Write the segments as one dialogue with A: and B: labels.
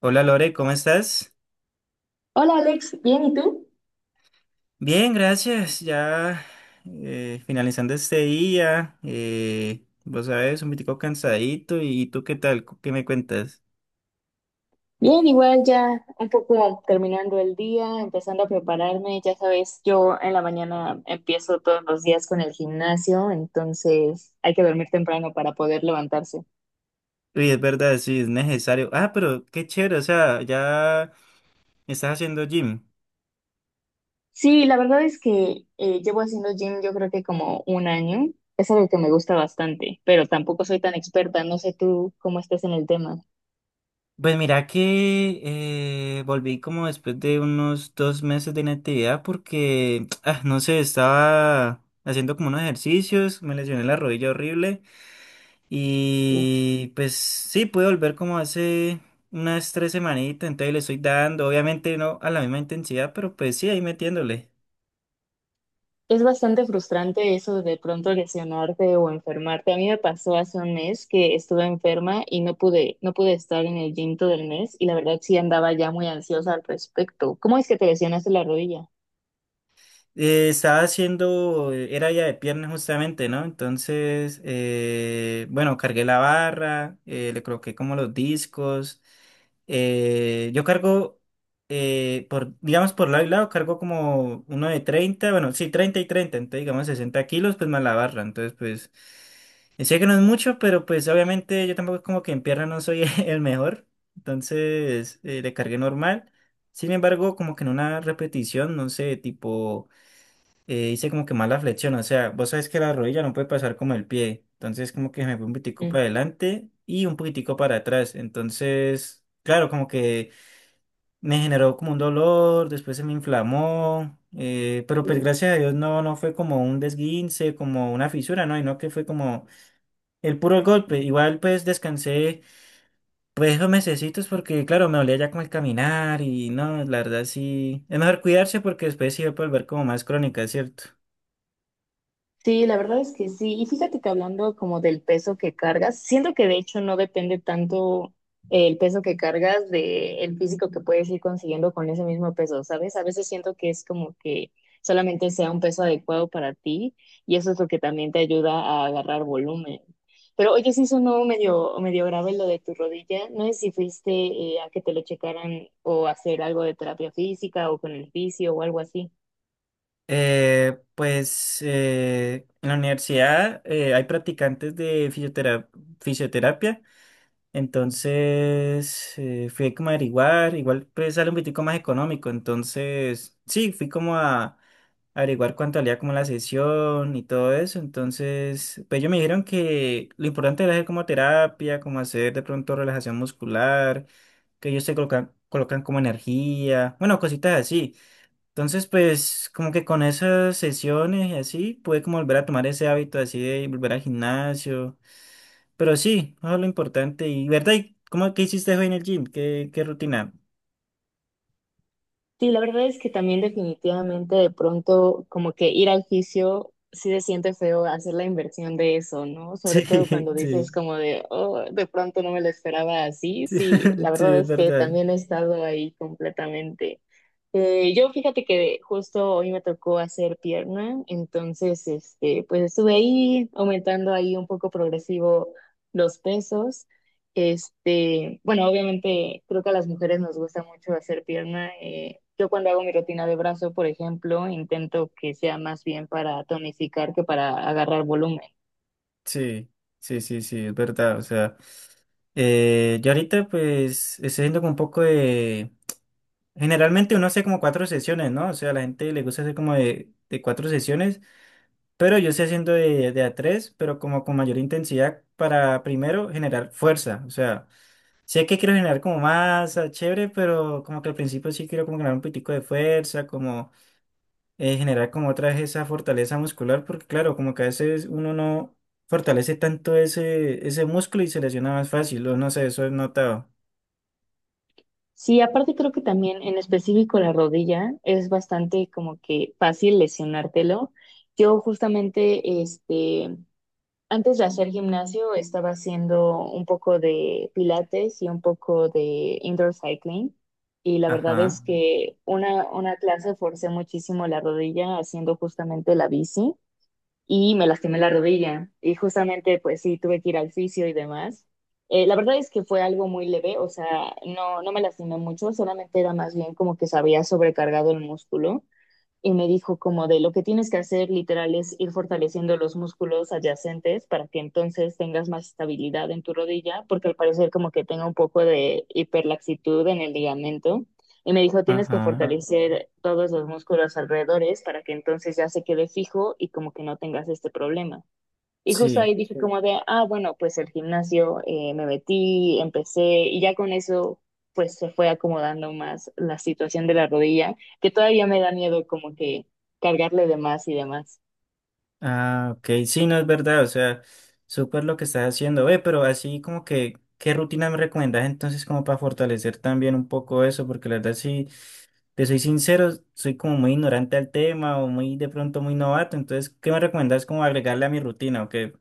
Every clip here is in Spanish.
A: Hola Lore, ¿cómo estás?
B: Hola Alex, ¿bien y tú?
A: Bien, gracias. Ya finalizando este día, vos sabes, un poquito cansadito. ¿Y tú qué tal? ¿Qué me cuentas?
B: Bien, igual ya un poco terminando el día, empezando a prepararme. Ya sabes, yo en la mañana empiezo todos los días con el gimnasio, entonces hay que dormir temprano para poder levantarse.
A: Uy, es verdad, sí, es necesario. Ah, pero qué chévere, o sea, ya estás haciendo gym.
B: Sí, la verdad es que llevo haciendo gym yo creo que como un año. Es algo que me gusta bastante, pero tampoco soy tan experta. No sé tú cómo estés en el tema.
A: Pues mira que volví como después de unos 2 meses de inactividad porque, ah, no sé, estaba haciendo como unos ejercicios, me lesioné la rodilla horrible. Y pues sí, pude volver como hace unas 3 semanitas, entonces le estoy dando, obviamente no a la misma intensidad, pero pues sí, ahí metiéndole.
B: Es bastante frustrante eso de pronto lesionarte o enfermarte. A mí me pasó hace un mes que estuve enferma y no pude estar en el gym todo el mes y la verdad sí andaba ya muy ansiosa al respecto. ¿Cómo es que te lesionaste la rodilla?
A: Estaba haciendo, era ya de piernas justamente, ¿no? Entonces, bueno, cargué la barra, le coloqué como los discos. Yo cargo, por, digamos, por lado y lado, cargo como uno de 30, bueno, sí, 30 y 30, entonces digamos 60 kilos, pues más la barra. Entonces, pues, sé que no es mucho, pero pues obviamente yo tampoco como que en pierna no soy el mejor. Entonces, le cargué normal. Sin embargo, como que en una repetición, no sé, tipo hice como que mala flexión, o sea, vos sabes que la rodilla no puede pasar como el pie, entonces como que me fui un poquitico para adelante y un poquitico para atrás, entonces, claro, como que me generó como un dolor, después se me inflamó, pero pues
B: Mm.
A: gracias a Dios no, no fue como un desguince, como una fisura, no, y no que fue como el puro golpe, igual pues descansé pues esos mesecitos porque claro, me dolía ya como el caminar y no, la verdad sí, es mejor cuidarse porque después sí va a volver como más crónica, ¿cierto?
B: Sí, la verdad es que sí. Y fíjate que hablando como del peso que cargas, siento que de hecho no depende tanto el peso que cargas de el físico que puedes ir consiguiendo con ese mismo peso, ¿sabes? A veces siento que es como que solamente sea un peso adecuado para ti y eso es lo que también te ayuda a agarrar volumen. Pero oye, sí sonó medio, medio grave lo de tu rodilla. No sé si fuiste a que te lo checaran o a hacer algo de terapia física o con el fisio o algo así.
A: Pues en la universidad hay practicantes de fisioterapia, entonces fui como a averiguar, igual pues sale un poquitico más económico, entonces sí, fui como a averiguar cuánto valía como la sesión y todo eso, entonces pues ellos me dijeron que lo importante era hacer como terapia, como hacer de pronto relajación muscular, que ellos se colocan como energía, bueno, cositas así. Entonces, pues, como que con esas sesiones y así, pude como volver a tomar ese hábito así de volver al gimnasio. Pero sí, eso es lo importante. Y, ¿verdad? ¿Cómo que hiciste hoy en el gym? ¿Qué, qué rutina?
B: Sí, la verdad es que también definitivamente de pronto como que ir al fisio sí se siente feo hacer la inversión de eso, ¿no?
A: Sí,
B: Sobre todo cuando dices
A: sí,
B: como de, oh, de pronto no me lo esperaba así.
A: sí,
B: Sí, la
A: sí,
B: verdad
A: es
B: es que
A: verdad.
B: también he estado ahí completamente. Yo fíjate que justo hoy me tocó hacer pierna, entonces este, pues estuve ahí aumentando ahí un poco progresivo los pesos. Este, bueno, obviamente creo que a las mujeres nos gusta mucho hacer pierna. Yo cuando hago mi rutina de brazo, por ejemplo, intento que sea más bien para tonificar que para agarrar volumen.
A: Sí, sí, sí, sí, es verdad. O sea, yo ahorita pues estoy haciendo como un poco de... Generalmente uno hace como 4 sesiones, ¿no? O sea, a la gente le gusta hacer como de 4 sesiones. Pero yo estoy haciendo de a tres, pero como con mayor intensidad para primero generar fuerza. O sea, sé que quiero generar como masa, chévere, pero como que al principio sí quiero como generar un poquitico de fuerza, como generar como otra vez esa fortaleza muscular, porque claro, como que a veces uno no fortalece tanto ese músculo y se lesiona más fácil, o no sé, eso he notado.
B: Sí, aparte creo que también en específico la rodilla es bastante como que fácil lesionártelo. Yo justamente, este, antes de hacer gimnasio estaba haciendo un poco de pilates y un poco de indoor cycling y la verdad
A: Ajá,
B: es que una clase forcé muchísimo la rodilla haciendo justamente la bici y me lastimé la rodilla y justamente pues sí tuve que ir al fisio y demás. La verdad es que fue algo muy leve, o sea, no, no me lastimé mucho, solamente era más bien como que se había sobrecargado el músculo y me dijo como de lo que tienes que hacer literal es ir fortaleciendo los músculos adyacentes para que entonces tengas más estabilidad en tu rodilla, porque al parecer como que tenga un poco de hiperlaxitud en el ligamento. Y me dijo, tienes que
A: ajá,
B: fortalecer todos los músculos alrededores para que entonces ya se quede fijo y como que no tengas este problema. Y justo
A: sí.
B: ahí dije como de, ah, bueno, pues el gimnasio, me metí, empecé y ya con eso pues se fue acomodando más la situación de la rodilla, que todavía me da miedo como que cargarle de más y demás.
A: Ah, ok, sí, no es verdad, o sea, súper lo que estás haciendo, ve, pero así como que, ¿qué rutina me recomiendas entonces como para fortalecer también un poco eso? Porque la verdad, sí, te soy sincero, soy como muy ignorante al tema o muy de pronto muy novato, entonces, ¿qué me recomiendas como agregarle a mi rutina o qué?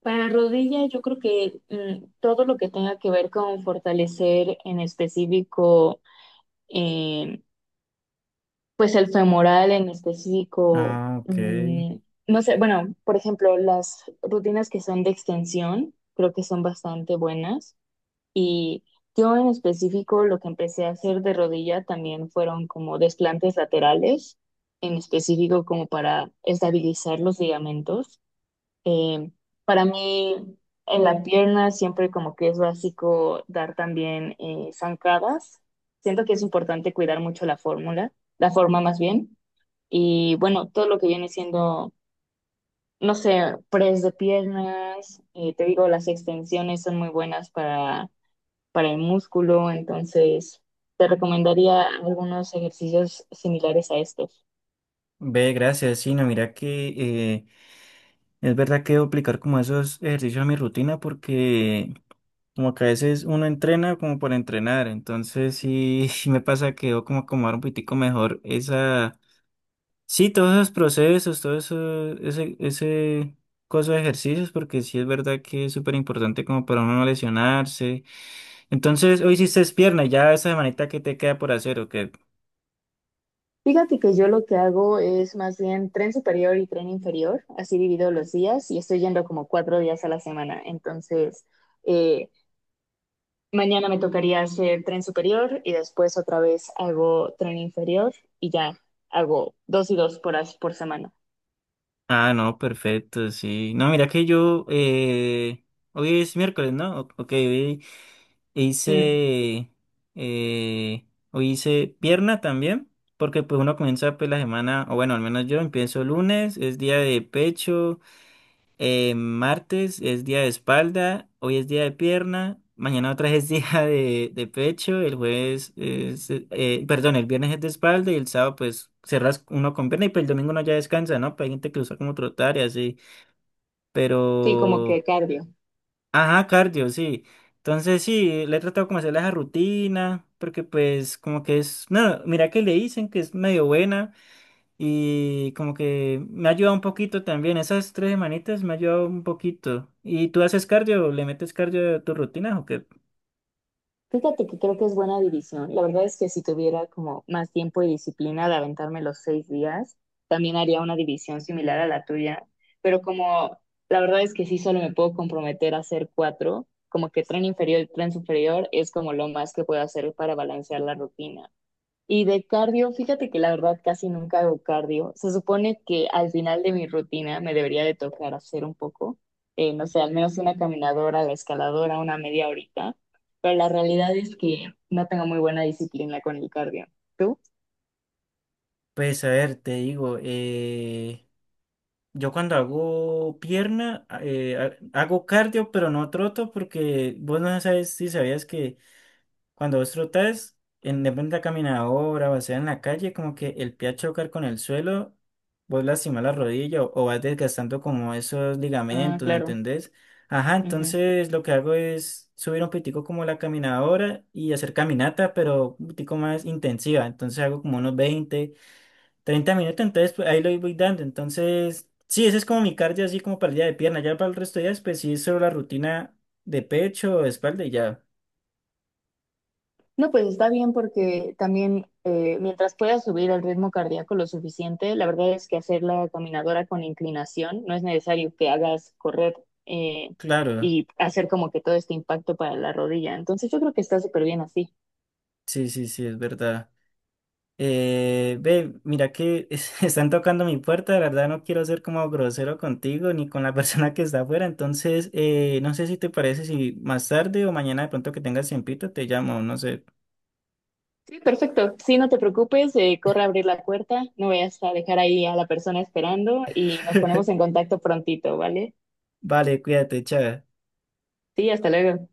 B: Para la rodilla yo creo que mm, todo lo que tenga que ver con fortalecer en específico, eh, pues el femoral en específico,
A: Ah, ok,
B: mm, no sé, bueno, por ejemplo, las rutinas que son de extensión, creo que son bastante buenas. Y yo en específico lo que empecé a hacer de rodilla también fueron como desplantes laterales, en específico como para estabilizar los ligamentos. Eh, para mí en la pierna siempre como que es básico dar también zancadas. Siento que es importante cuidar mucho la fórmula, la forma más bien. Y bueno, todo lo que viene siendo, no sé, press de piernas, te digo, las extensiones son muy buenas para el músculo, entonces te recomendaría algunos ejercicios similares a estos.
A: ve, gracias, sí, no, mira que es verdad que debo aplicar como esos ejercicios a mi rutina porque... Como que a veces uno entrena como por entrenar, entonces sí, sí me pasa que yo como acomodar un poquitico mejor esa, sí, todos esos procesos, todo eso, ese coso de ejercicios, porque sí es verdad que es súper importante como para uno no lesionarse. Entonces, hoy hiciste pierna, ya esa semanita que te queda por hacer, ¿o qué?
B: Fíjate que yo lo que hago es más bien tren superior y tren inferior, así divido los días y estoy yendo como cuatro días a la semana. Entonces, eh, mañana me tocaría hacer tren superior y después otra vez hago tren inferior y ya hago dos y dos por, as- por semana.
A: Ah, no, perfecto, sí. No, mira que yo, hoy es miércoles, ¿no? Ok, hoy e
B: Mm,
A: hice, eh, hoy hice pierna también, porque pues uno comienza pues la semana, o bueno, al menos yo empiezo lunes, es día de pecho, martes es día de espalda, hoy es día de pierna, mañana otra vez es día de pecho, el jueves es, perdón, el viernes es de espalda y el sábado pues cerras uno con pierna y pues el domingo uno ya descansa, ¿no? Pues hay gente que usa como trotar y así,
B: sí, como que
A: pero...
B: cardio.
A: Ajá, cardio, sí. Entonces sí, le he tratado como hacer esa rutina, porque pues como que es, no, mira que le dicen que es medio buena y como que me ha ayudado un poquito también, esas 3 semanitas me ha ayudado un poquito. ¿Y tú haces cardio? ¿Le metes cardio a tu rutina o qué?
B: Fíjate que creo que es buena división. La verdad es que si tuviera como más tiempo y disciplina de aventarme los seis días, también haría una división similar a la tuya. Pero como la verdad es que sí solo me puedo comprometer a hacer cuatro, como que tren inferior y tren superior es como lo más que puedo hacer para balancear la rutina. Y de cardio, fíjate que la verdad casi nunca hago cardio. Se supone que al final de mi rutina me debería de tocar hacer un poco, no sé, al menos una caminadora, la escaladora, una media horita, pero la realidad es que no tengo muy buena disciplina con el cardio. ¿Tú?
A: Pues a ver, te digo, yo cuando hago pierna, hago cardio, pero no troto, porque vos no sabes si sabías que cuando vos trotas en de pronto la caminadora o sea en la calle, como que el pie a chocar con el suelo, vos lastimás la rodilla o vas desgastando como esos
B: Ah,
A: ligamentos, ¿me
B: claro.
A: entendés? Ajá, entonces lo que hago es subir un pitico como la caminadora y hacer caminata, pero un pitico más intensiva. Entonces hago como unos 20 a 30 minutos, entonces pues, ahí lo voy dando. Entonces, sí, ese es como mi cardio así como para el día de pierna. Ya para el resto de días, pues sí, solo la rutina de pecho, espalda y ya.
B: No, pues está bien porque también mientras puedas subir el ritmo cardíaco lo suficiente, la verdad es que hacer la caminadora con inclinación no es necesario que hagas correr eh,
A: Claro.
B: y hacer como que todo este impacto para la rodilla. Entonces yo creo que está súper bien así.
A: Sí, sí, sí, es verdad. Ve, mira que están tocando mi puerta, de verdad no quiero ser como grosero contigo ni con la persona que está afuera, entonces no sé si te parece si más tarde o mañana de pronto que tengas tiempito te llamo, no sé.
B: Sí, perfecto. Sí, no te preocupes, corre a abrir la puerta, no vayas a dejar ahí a la persona esperando y nos ponemos en contacto prontito, ¿vale?
A: Vale, cuídate, chao.
B: Sí, hasta luego.